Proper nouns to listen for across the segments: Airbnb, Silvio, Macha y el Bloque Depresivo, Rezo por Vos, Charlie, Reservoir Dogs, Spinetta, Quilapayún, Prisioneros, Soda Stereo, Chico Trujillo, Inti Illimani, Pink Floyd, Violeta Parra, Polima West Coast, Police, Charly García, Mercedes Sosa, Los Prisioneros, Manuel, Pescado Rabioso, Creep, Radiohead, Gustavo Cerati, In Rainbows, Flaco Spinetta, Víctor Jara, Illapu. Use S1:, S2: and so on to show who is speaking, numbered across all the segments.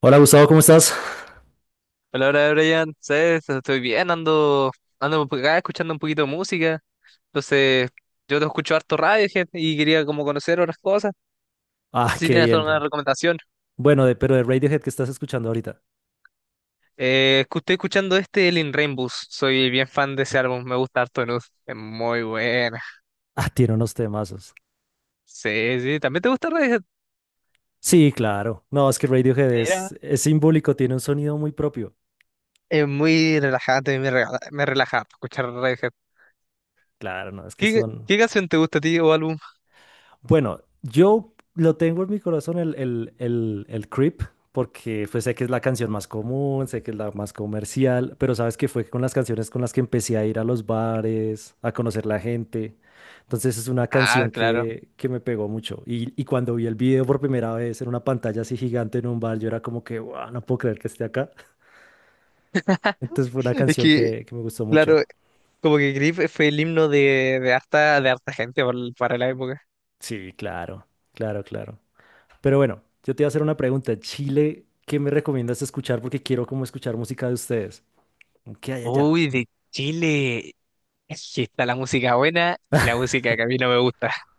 S1: Hola Gustavo, ¿cómo estás?
S2: Hola, hola, Brian. ¿Sabes? Estoy bien, ando por acá escuchando un poquito de música. Entonces, yo te escucho harto radio, y quería como conocer otras cosas.
S1: Ah,
S2: Si
S1: qué
S2: tienes alguna
S1: bien.
S2: recomendación.
S1: Bueno, de, pero de Radiohead que estás escuchando ahorita.
S2: Estoy escuchando este, el In Rainbows. Soy bien fan de ese álbum, me gusta harto Nud. Es muy buena.
S1: Ah, tiene unos temazos.
S2: Sí, sí, ¿también te gusta Radiohead?
S1: Sí, claro. No, es que Radiohead
S2: Mira.
S1: es simbólico, tiene un sonido muy propio.
S2: Es muy relajante, me relaja harto escuchar Radiohead.
S1: Claro, no, es que
S2: ¿Qué,
S1: son.
S2: qué canción te gusta a ti o álbum?
S1: Bueno, yo lo tengo en mi corazón el Creep, porque pues sé que es la canción más común, sé que es la más comercial, pero sabes que fue con las canciones con las que empecé a ir a los bares, a conocer la gente. Entonces es una
S2: Ah,
S1: canción
S2: claro.
S1: que me pegó mucho. Y cuando vi el video por primera vez en una pantalla así gigante en un bar, yo era como que, wow, no puedo creer que esté acá. Entonces fue una
S2: Es
S1: canción
S2: que,
S1: que me gustó
S2: claro,
S1: mucho.
S2: como que Grip fue el himno de harta gente para la época.
S1: Sí, claro, claro, claro. Pero bueno, yo te iba a hacer una pregunta. Chile, ¿qué me recomiendas escuchar? Porque quiero como escuchar música de ustedes. ¿Qué hay allá?
S2: Uy, de Chile. Es que está la música buena y la música que a mí no me gusta.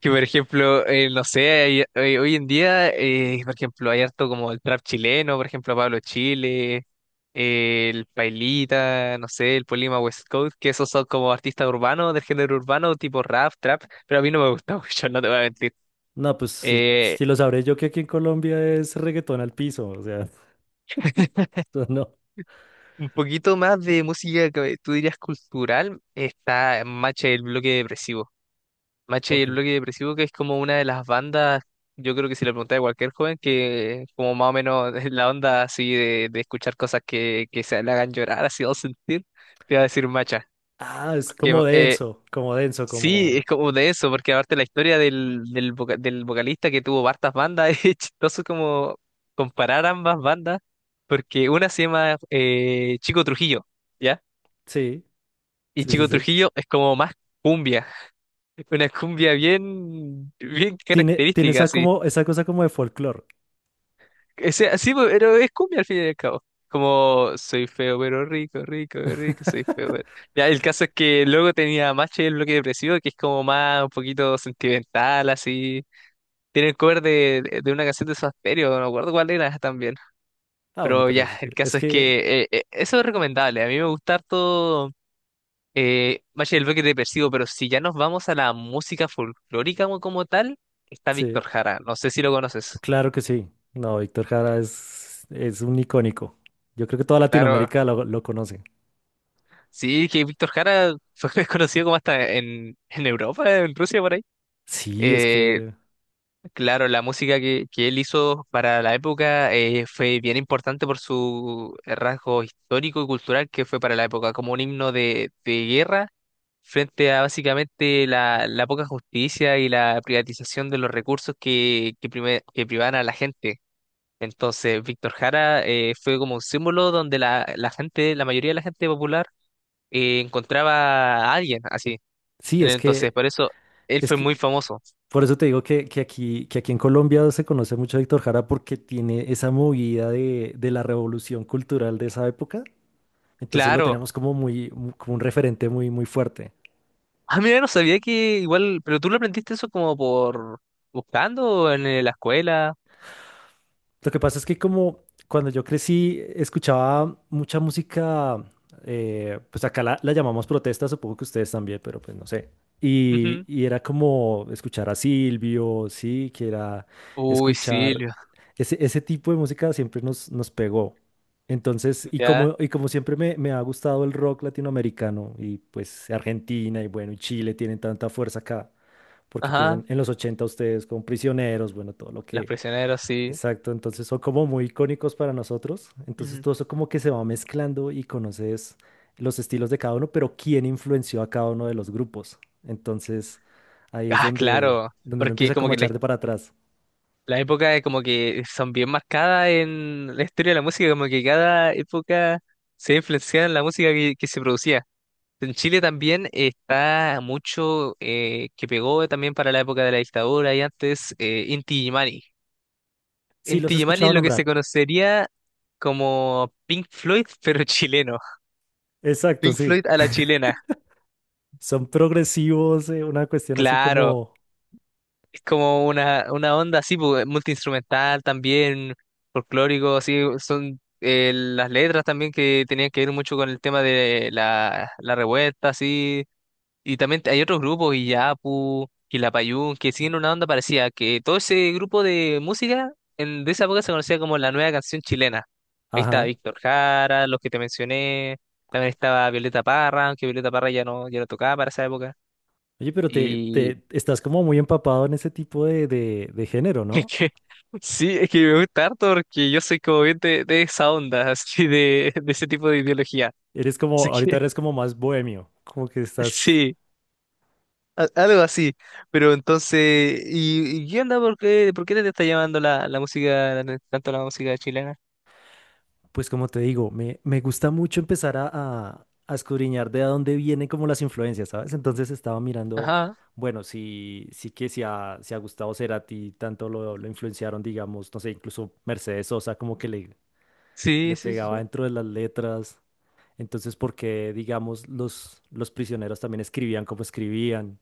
S2: Que por ejemplo, no sé, hoy en día, por ejemplo, hay harto como el trap chileno, por ejemplo, Pablo Chile, el Pailita, no sé, el Polima West Coast, que esos son como artistas urbanos, del género urbano, tipo rap, trap, pero a mí no me gusta mucho, no te voy a mentir.
S1: No, pues si,
S2: Eh,
S1: si lo sabré yo, que aquí en Colombia es reggaetón al piso, o sea, eso no.
S2: Un poquito más de música que tú dirías cultural está Macha y el Bloque Depresivo. Macha y el
S1: Ok.
S2: Bloque Depresivo, que es como una de las bandas, yo creo que si le preguntas a cualquier joven, que como más o menos es la onda así de escuchar cosas que se le hagan llorar, así o sentir, te va a decir Macha.
S1: Ah, es
S2: Porque
S1: como denso, como denso,
S2: sí, es
S1: como...
S2: como de eso, porque aparte la historia del vocalista que tuvo hartas bandas, es chistoso como comparar ambas bandas, porque una se llama Chico Trujillo. ¿Ya?
S1: Sí,
S2: Y
S1: sí, sí,
S2: Chico
S1: sí.
S2: Trujillo es como más cumbia, una cumbia bien
S1: Tiene, tiene
S2: característica,
S1: esa,
S2: así.
S1: como, esa cosa como de folclore.
S2: Ese, así, pues, pero es cumbia al fin y al cabo. Como soy feo pero rico, rico, rico, soy feo pero... Ya, el caso es que luego tenía Macho y el bloque depresivo, que es como más un poquito sentimental, así. Tiene el cover de una canción de Soda Stereo, no me acuerdo cuál era también.
S1: Ah, bueno,
S2: Pero
S1: pero
S2: ya, el
S1: es
S2: caso es
S1: que,
S2: que eso es recomendable. A mí me gusta harto. Valle del Bosque es depresivo, pero si ya nos vamos a la música folclórica como, como tal, está Víctor
S1: sí,
S2: Jara. No sé si lo conoces.
S1: claro que sí. No, Víctor Jara es un icónico. Yo creo que toda
S2: Claro,
S1: Latinoamérica lo conoce.
S2: sí, que Víctor Jara fue conocido como hasta en Europa, en Rusia, por ahí.
S1: Sí, es
S2: Eh,
S1: que.
S2: Claro, la música que él hizo para la época fue bien importante por su rasgo histórico y cultural que fue para la época, como un himno de guerra frente a básicamente la poca justicia y la privatización de los recursos que privaban a la gente. Entonces, Víctor Jara fue como un símbolo donde la gente, la mayoría de la gente popular encontraba a alguien así.
S1: Sí,
S2: Entonces, por eso él
S1: es
S2: fue
S1: que,
S2: muy famoso.
S1: por eso te digo que aquí en Colombia se conoce mucho a Víctor Jara porque tiene esa movida de la revolución cultural de esa época. Entonces lo
S2: Claro.
S1: tenemos como muy, mu- como un referente muy, muy fuerte.
S2: Ah, mira, no sabía que igual, pero tú lo aprendiste eso como por buscando en la escuela.
S1: Lo que pasa es que como cuando yo crecí escuchaba mucha música, pues acá la, la llamamos protesta, supongo que ustedes también, pero pues no sé. Y,
S2: Ujú.
S1: y era como escuchar a Silvio, sí, que era
S2: Uy,
S1: escuchar
S2: Silvio,
S1: ese, ese tipo de música siempre nos, nos pegó. Entonces,
S2: ya,
S1: y como siempre me, me ha gustado el rock latinoamericano y pues Argentina y bueno, y Chile tienen tanta fuerza acá, porque pues
S2: ajá,
S1: en los 80 ustedes con Prisioneros, bueno, todo lo
S2: los
S1: que.
S2: prisioneros, sí.
S1: Exacto, entonces son como muy icónicos para nosotros. Entonces
S2: Ujú.
S1: todo eso como que se va mezclando y conoces los estilos de cada uno, pero quién influenció a cada uno de los grupos. Entonces ahí es
S2: Ah,
S1: donde,
S2: claro,
S1: donde uno
S2: porque
S1: empieza
S2: como
S1: como a
S2: que
S1: echar de para atrás.
S2: la época es como que son bien marcadas en la historia de la música, como que cada época se influencia en la música que se producía. En Chile también está mucho que pegó también para la época de la dictadura y antes Inti Illimani. En
S1: Sí, los he
S2: Illimani
S1: escuchado
S2: es lo que se
S1: nombrar.
S2: conocería como Pink Floyd, pero chileno.
S1: Exacto,
S2: Pink
S1: sí.
S2: Floyd a la chilena.
S1: Son progresivos, una cuestión así
S2: Claro,
S1: como,
S2: es como una onda así, pu, multiinstrumental también, folclórico, así, son las letras también que tenían que ver mucho con el tema de la revuelta, así. Y también hay otros grupos, Illapu, Quilapayún, que siguen una onda parecida, que todo ese grupo de música de esa época se conocía como la nueva canción chilena. Ahí estaba
S1: ajá.
S2: Víctor Jara, los que te mencioné, también estaba Violeta Parra, aunque Violeta Parra ya no tocaba para esa época.
S1: Oye, pero te,
S2: Y
S1: te estás como muy empapado en ese tipo de género,
S2: es
S1: ¿no?
S2: que, sí, es que me gusta harto porque yo soy como bien de esa onda, así de ese tipo de ideología.
S1: Eres como,
S2: Así
S1: ahorita
S2: que,
S1: eres como más bohemio, como que estás.
S2: sí. Algo así. Pero entonces, y qué onda? ¿Por qué te está llamando tanto la música chilena?
S1: Pues como te digo, me gusta mucho empezar a escudriñar de a dónde vienen como las influencias, ¿sabes? Entonces estaba mirando,
S2: Ajá,
S1: bueno, sí, sí que si a, si a Gustavo Cerati tanto lo influenciaron, digamos, no sé, incluso Mercedes Sosa como que le,
S2: sí,
S1: le
S2: sí,
S1: pegaba
S2: sí.
S1: dentro de las letras. Entonces, ¿por qué, digamos, los prisioneros también escribían como escribían?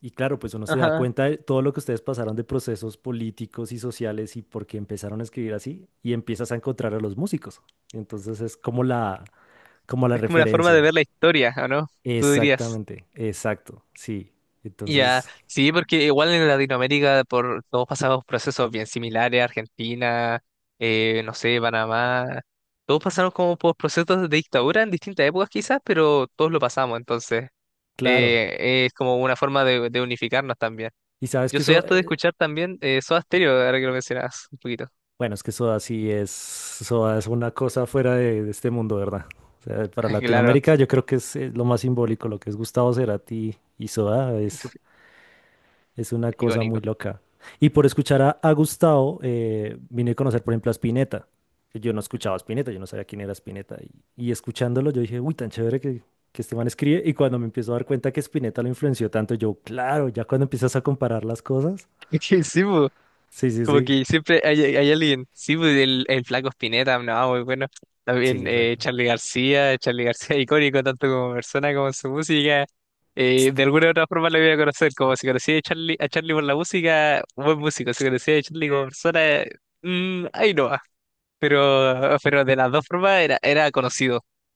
S1: Y claro, pues uno se da
S2: Ajá.
S1: cuenta de todo lo que ustedes pasaron de procesos políticos y sociales y por qué empezaron a escribir así y empiezas a encontrar a los músicos. Entonces es como la
S2: Es como una forma de
S1: referencia.
S2: ver la historia, ¿o no? Tú dirías.
S1: Exactamente, exacto, sí.
S2: Ya,
S1: Entonces,
S2: sí, porque igual en Latinoamérica por, todos pasamos procesos bien similares, Argentina, no sé, Panamá, todos pasaron como por procesos de dictadura en distintas épocas quizás, pero todos lo pasamos, entonces
S1: claro.
S2: es como una forma de unificarnos también.
S1: Y sabes
S2: Yo
S1: que
S2: soy
S1: eso,
S2: harto de escuchar también Soda Stereo, ahora que lo mencionabas un poquito.
S1: bueno, es que Soda sí es, Soda es una cosa fuera de este mundo, ¿verdad? O sea, para
S2: Claro,
S1: Latinoamérica yo creo que es, lo más simbólico, lo que es Gustavo Cerati y Soda es. Es una cosa
S2: icónico.
S1: muy loca. Y por escuchar a Gustavo, vine a conocer, por ejemplo, a Spinetta. Yo no escuchaba a Spinetta, yo no sabía quién era Spinetta. Y escuchándolo, yo dije, uy, tan chévere que este man escribe. Y cuando me empiezo a dar cuenta que Spinetta lo influenció tanto, yo, claro, ya cuando empiezas a comparar las cosas.
S2: Es que sí, po,
S1: Sí, sí,
S2: como
S1: sí.
S2: que siempre hay, hay alguien. Sí, po, el Flaco Spinetta, no, muy bueno.
S1: Sí,
S2: También
S1: exacto.
S2: Charly García, Charly García icónico tanto como persona como en su música. De
S1: St-
S2: alguna u otra forma lo voy a conocer, como si conocía a Charly por la música, buen músico. Si conocía a Charly como persona, ahí no va. Pero de las dos formas era conocido.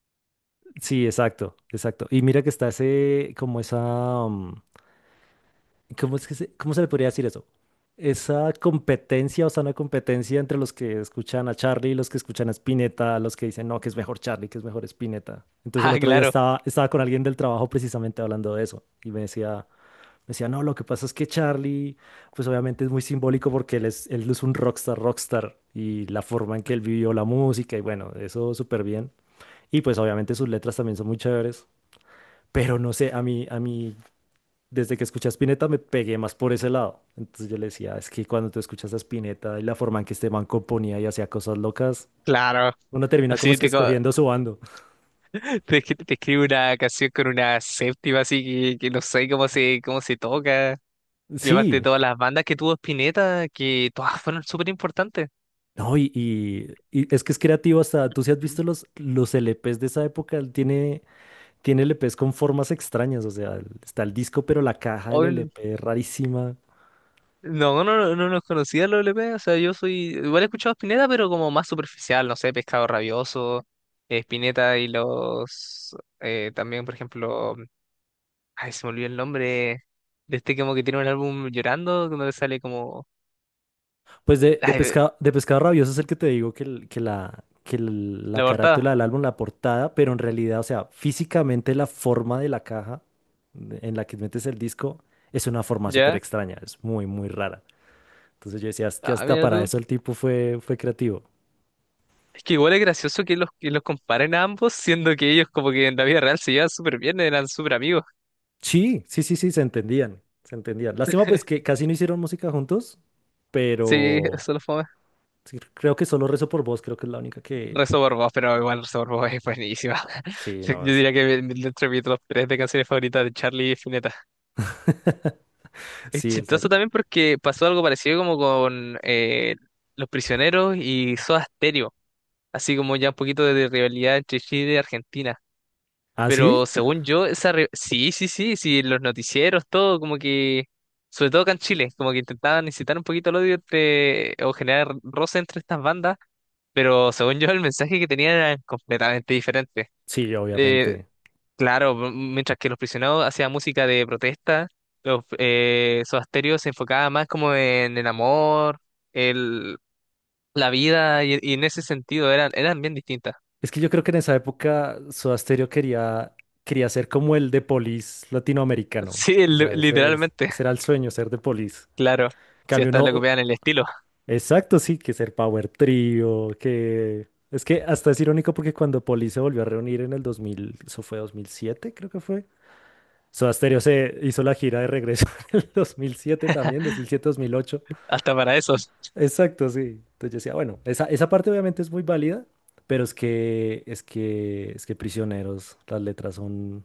S1: Sí, exacto, exacto. Y mira que está ese, como esa, ¿cómo es que se, cómo se le podría decir eso? Esa competencia, o sea, una competencia entre los que escuchan a Charlie y los que escuchan a Spinetta, los que dicen, no, que es mejor Charlie, que es mejor Spinetta. Entonces el
S2: Ah,
S1: otro día
S2: claro,
S1: estaba con alguien del trabajo precisamente hablando de eso y me decía, no, lo que pasa es que Charlie, pues obviamente es muy simbólico porque él es un rockstar, rockstar y la forma en que él vivió la música y bueno, eso súper bien. Y pues obviamente sus letras también son muy chéveres. Pero no sé, a mí desde que escuché a Spinetta me pegué más por ese lado. Entonces yo le decía, es que cuando tú escuchas a Spinetta y la forma en que este man componía y hacía cosas locas,
S2: claro.
S1: uno termina como
S2: Así
S1: es que
S2: te, co-
S1: escogiendo su bando.
S2: es que te escribe una canción con una séptima así que no sé cómo se toca. Y además de
S1: Sí,
S2: todas las bandas que tuvo Spinetta, que todas fueron súper importantes.
S1: no, y es que es creativo hasta, tú si has
S2: Ujú.
S1: visto los LPs de esa época, él tiene, tiene LPs con formas extrañas, o sea, está el disco, pero la caja del
S2: Hoy
S1: LP es rarísima.
S2: no, no, no, no los conocía los L P, o sea, yo soy, igual he escuchado Spinetta, pero como más superficial, no sé, Pescado Rabioso, Spinetta y los, también, por ejemplo, ay, se me olvidó el nombre, de este como que tiene un álbum llorando, donde sale como,
S1: Pues
S2: ay,
S1: de Pescado Rabioso es el que te digo que, el- que la, que el- la
S2: la
S1: carátula
S2: portada,
S1: del álbum, la portada, pero en realidad, o sea, físicamente la forma de la caja en la que metes el disco es una forma súper
S2: ¿ya?
S1: extraña, es muy, muy rara. Entonces yo decía, es que
S2: Ah,
S1: hasta
S2: mira
S1: para
S2: tú.
S1: eso el tipo fue, fue creativo.
S2: Es que igual es gracioso que que los comparen a ambos, siendo que ellos como que en la vida real se llevan súper bien, eran súper amigos.
S1: Sí, sí, sí, sí, se entendían, se entendían. Lástima pues que casi no hicieron música juntos,
S2: Sí,
S1: pero
S2: eso lo fue.
S1: sí, creo que solo Rezo por Vos, creo que es la única que...
S2: Reservoir Dogs, pero igual Reservoir Dogs es buenísima.
S1: Sí,
S2: Yo
S1: no,
S2: yo
S1: es...
S2: diría que dentro de mi top 3 de canciones favoritas de Charlie Spinetta. Es
S1: sí,
S2: chistoso
S1: exacto.
S2: también porque pasó algo parecido como con Los Prisioneros y Soda Stereo, así como ya un poquito de rivalidad entre Chile y Argentina.
S1: ¿Ah,
S2: Pero
S1: sí?
S2: según yo, esa re- sí, sí, sí, sí, los noticieros, todo, como que, sobre todo acá en Chile, como que intentaban incitar un poquito el odio entre, o generar roce entre estas bandas, pero según yo el mensaje que tenían era completamente diferente.
S1: Sí,
S2: Eh,
S1: obviamente.
S2: claro, m- mientras que Los Prisioneros hacían música de protesta, los, Soda Stereo se enfocaba más como en el amor, el, la vida, y en ese sentido eran bien distintas.
S1: Es que yo creo que en esa época Soda Stereo quería, quería ser como el de Police latinoamericano.
S2: Sí,
S1: O
S2: li-
S1: sea, ese, es-
S2: literalmente,
S1: ese era el sueño, ser de Police.
S2: claro,
S1: En
S2: si
S1: cambio,
S2: hasta le
S1: no.
S2: copiaban el estilo.
S1: Exacto, sí, que ser Power Trio, que. Es que hasta es irónico porque cuando Police se volvió a reunir en el 2000, eso fue 2007, creo que fue. Soda Stereo se hizo la gira de regreso en el 2007 también, 2007-2008.
S2: Hasta para esos.
S1: Exacto, sí. Entonces yo decía, bueno, esa parte obviamente es muy válida, pero es que, es que, es que prisioneros, las letras son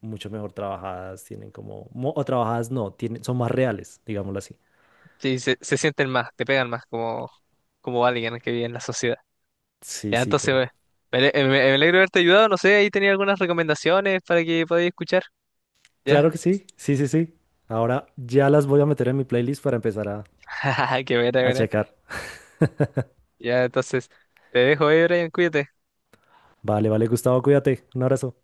S1: mucho mejor trabajadas, tienen como, mo- o trabajadas no, tienen, son más reales, digámoslo así.
S2: Sí, se sienten más, te pegan más como, como alguien que vive en la sociedad.
S1: Sí,
S2: Ya,
S1: sí, pero
S2: entonces, me alegro de haberte ayudado. No sé, ahí tenía algunas recomendaciones para que podáis escuchar. Ya,
S1: claro que sí, sí, sí, sí. Ahora ya las voy a meter en mi playlist para empezar
S2: qué buena,
S1: a
S2: buena.
S1: checar.
S2: Ya, entonces, te dejo ahí, Brian, cuídate.
S1: Vale, vale, Gustavo, cuídate. Un abrazo.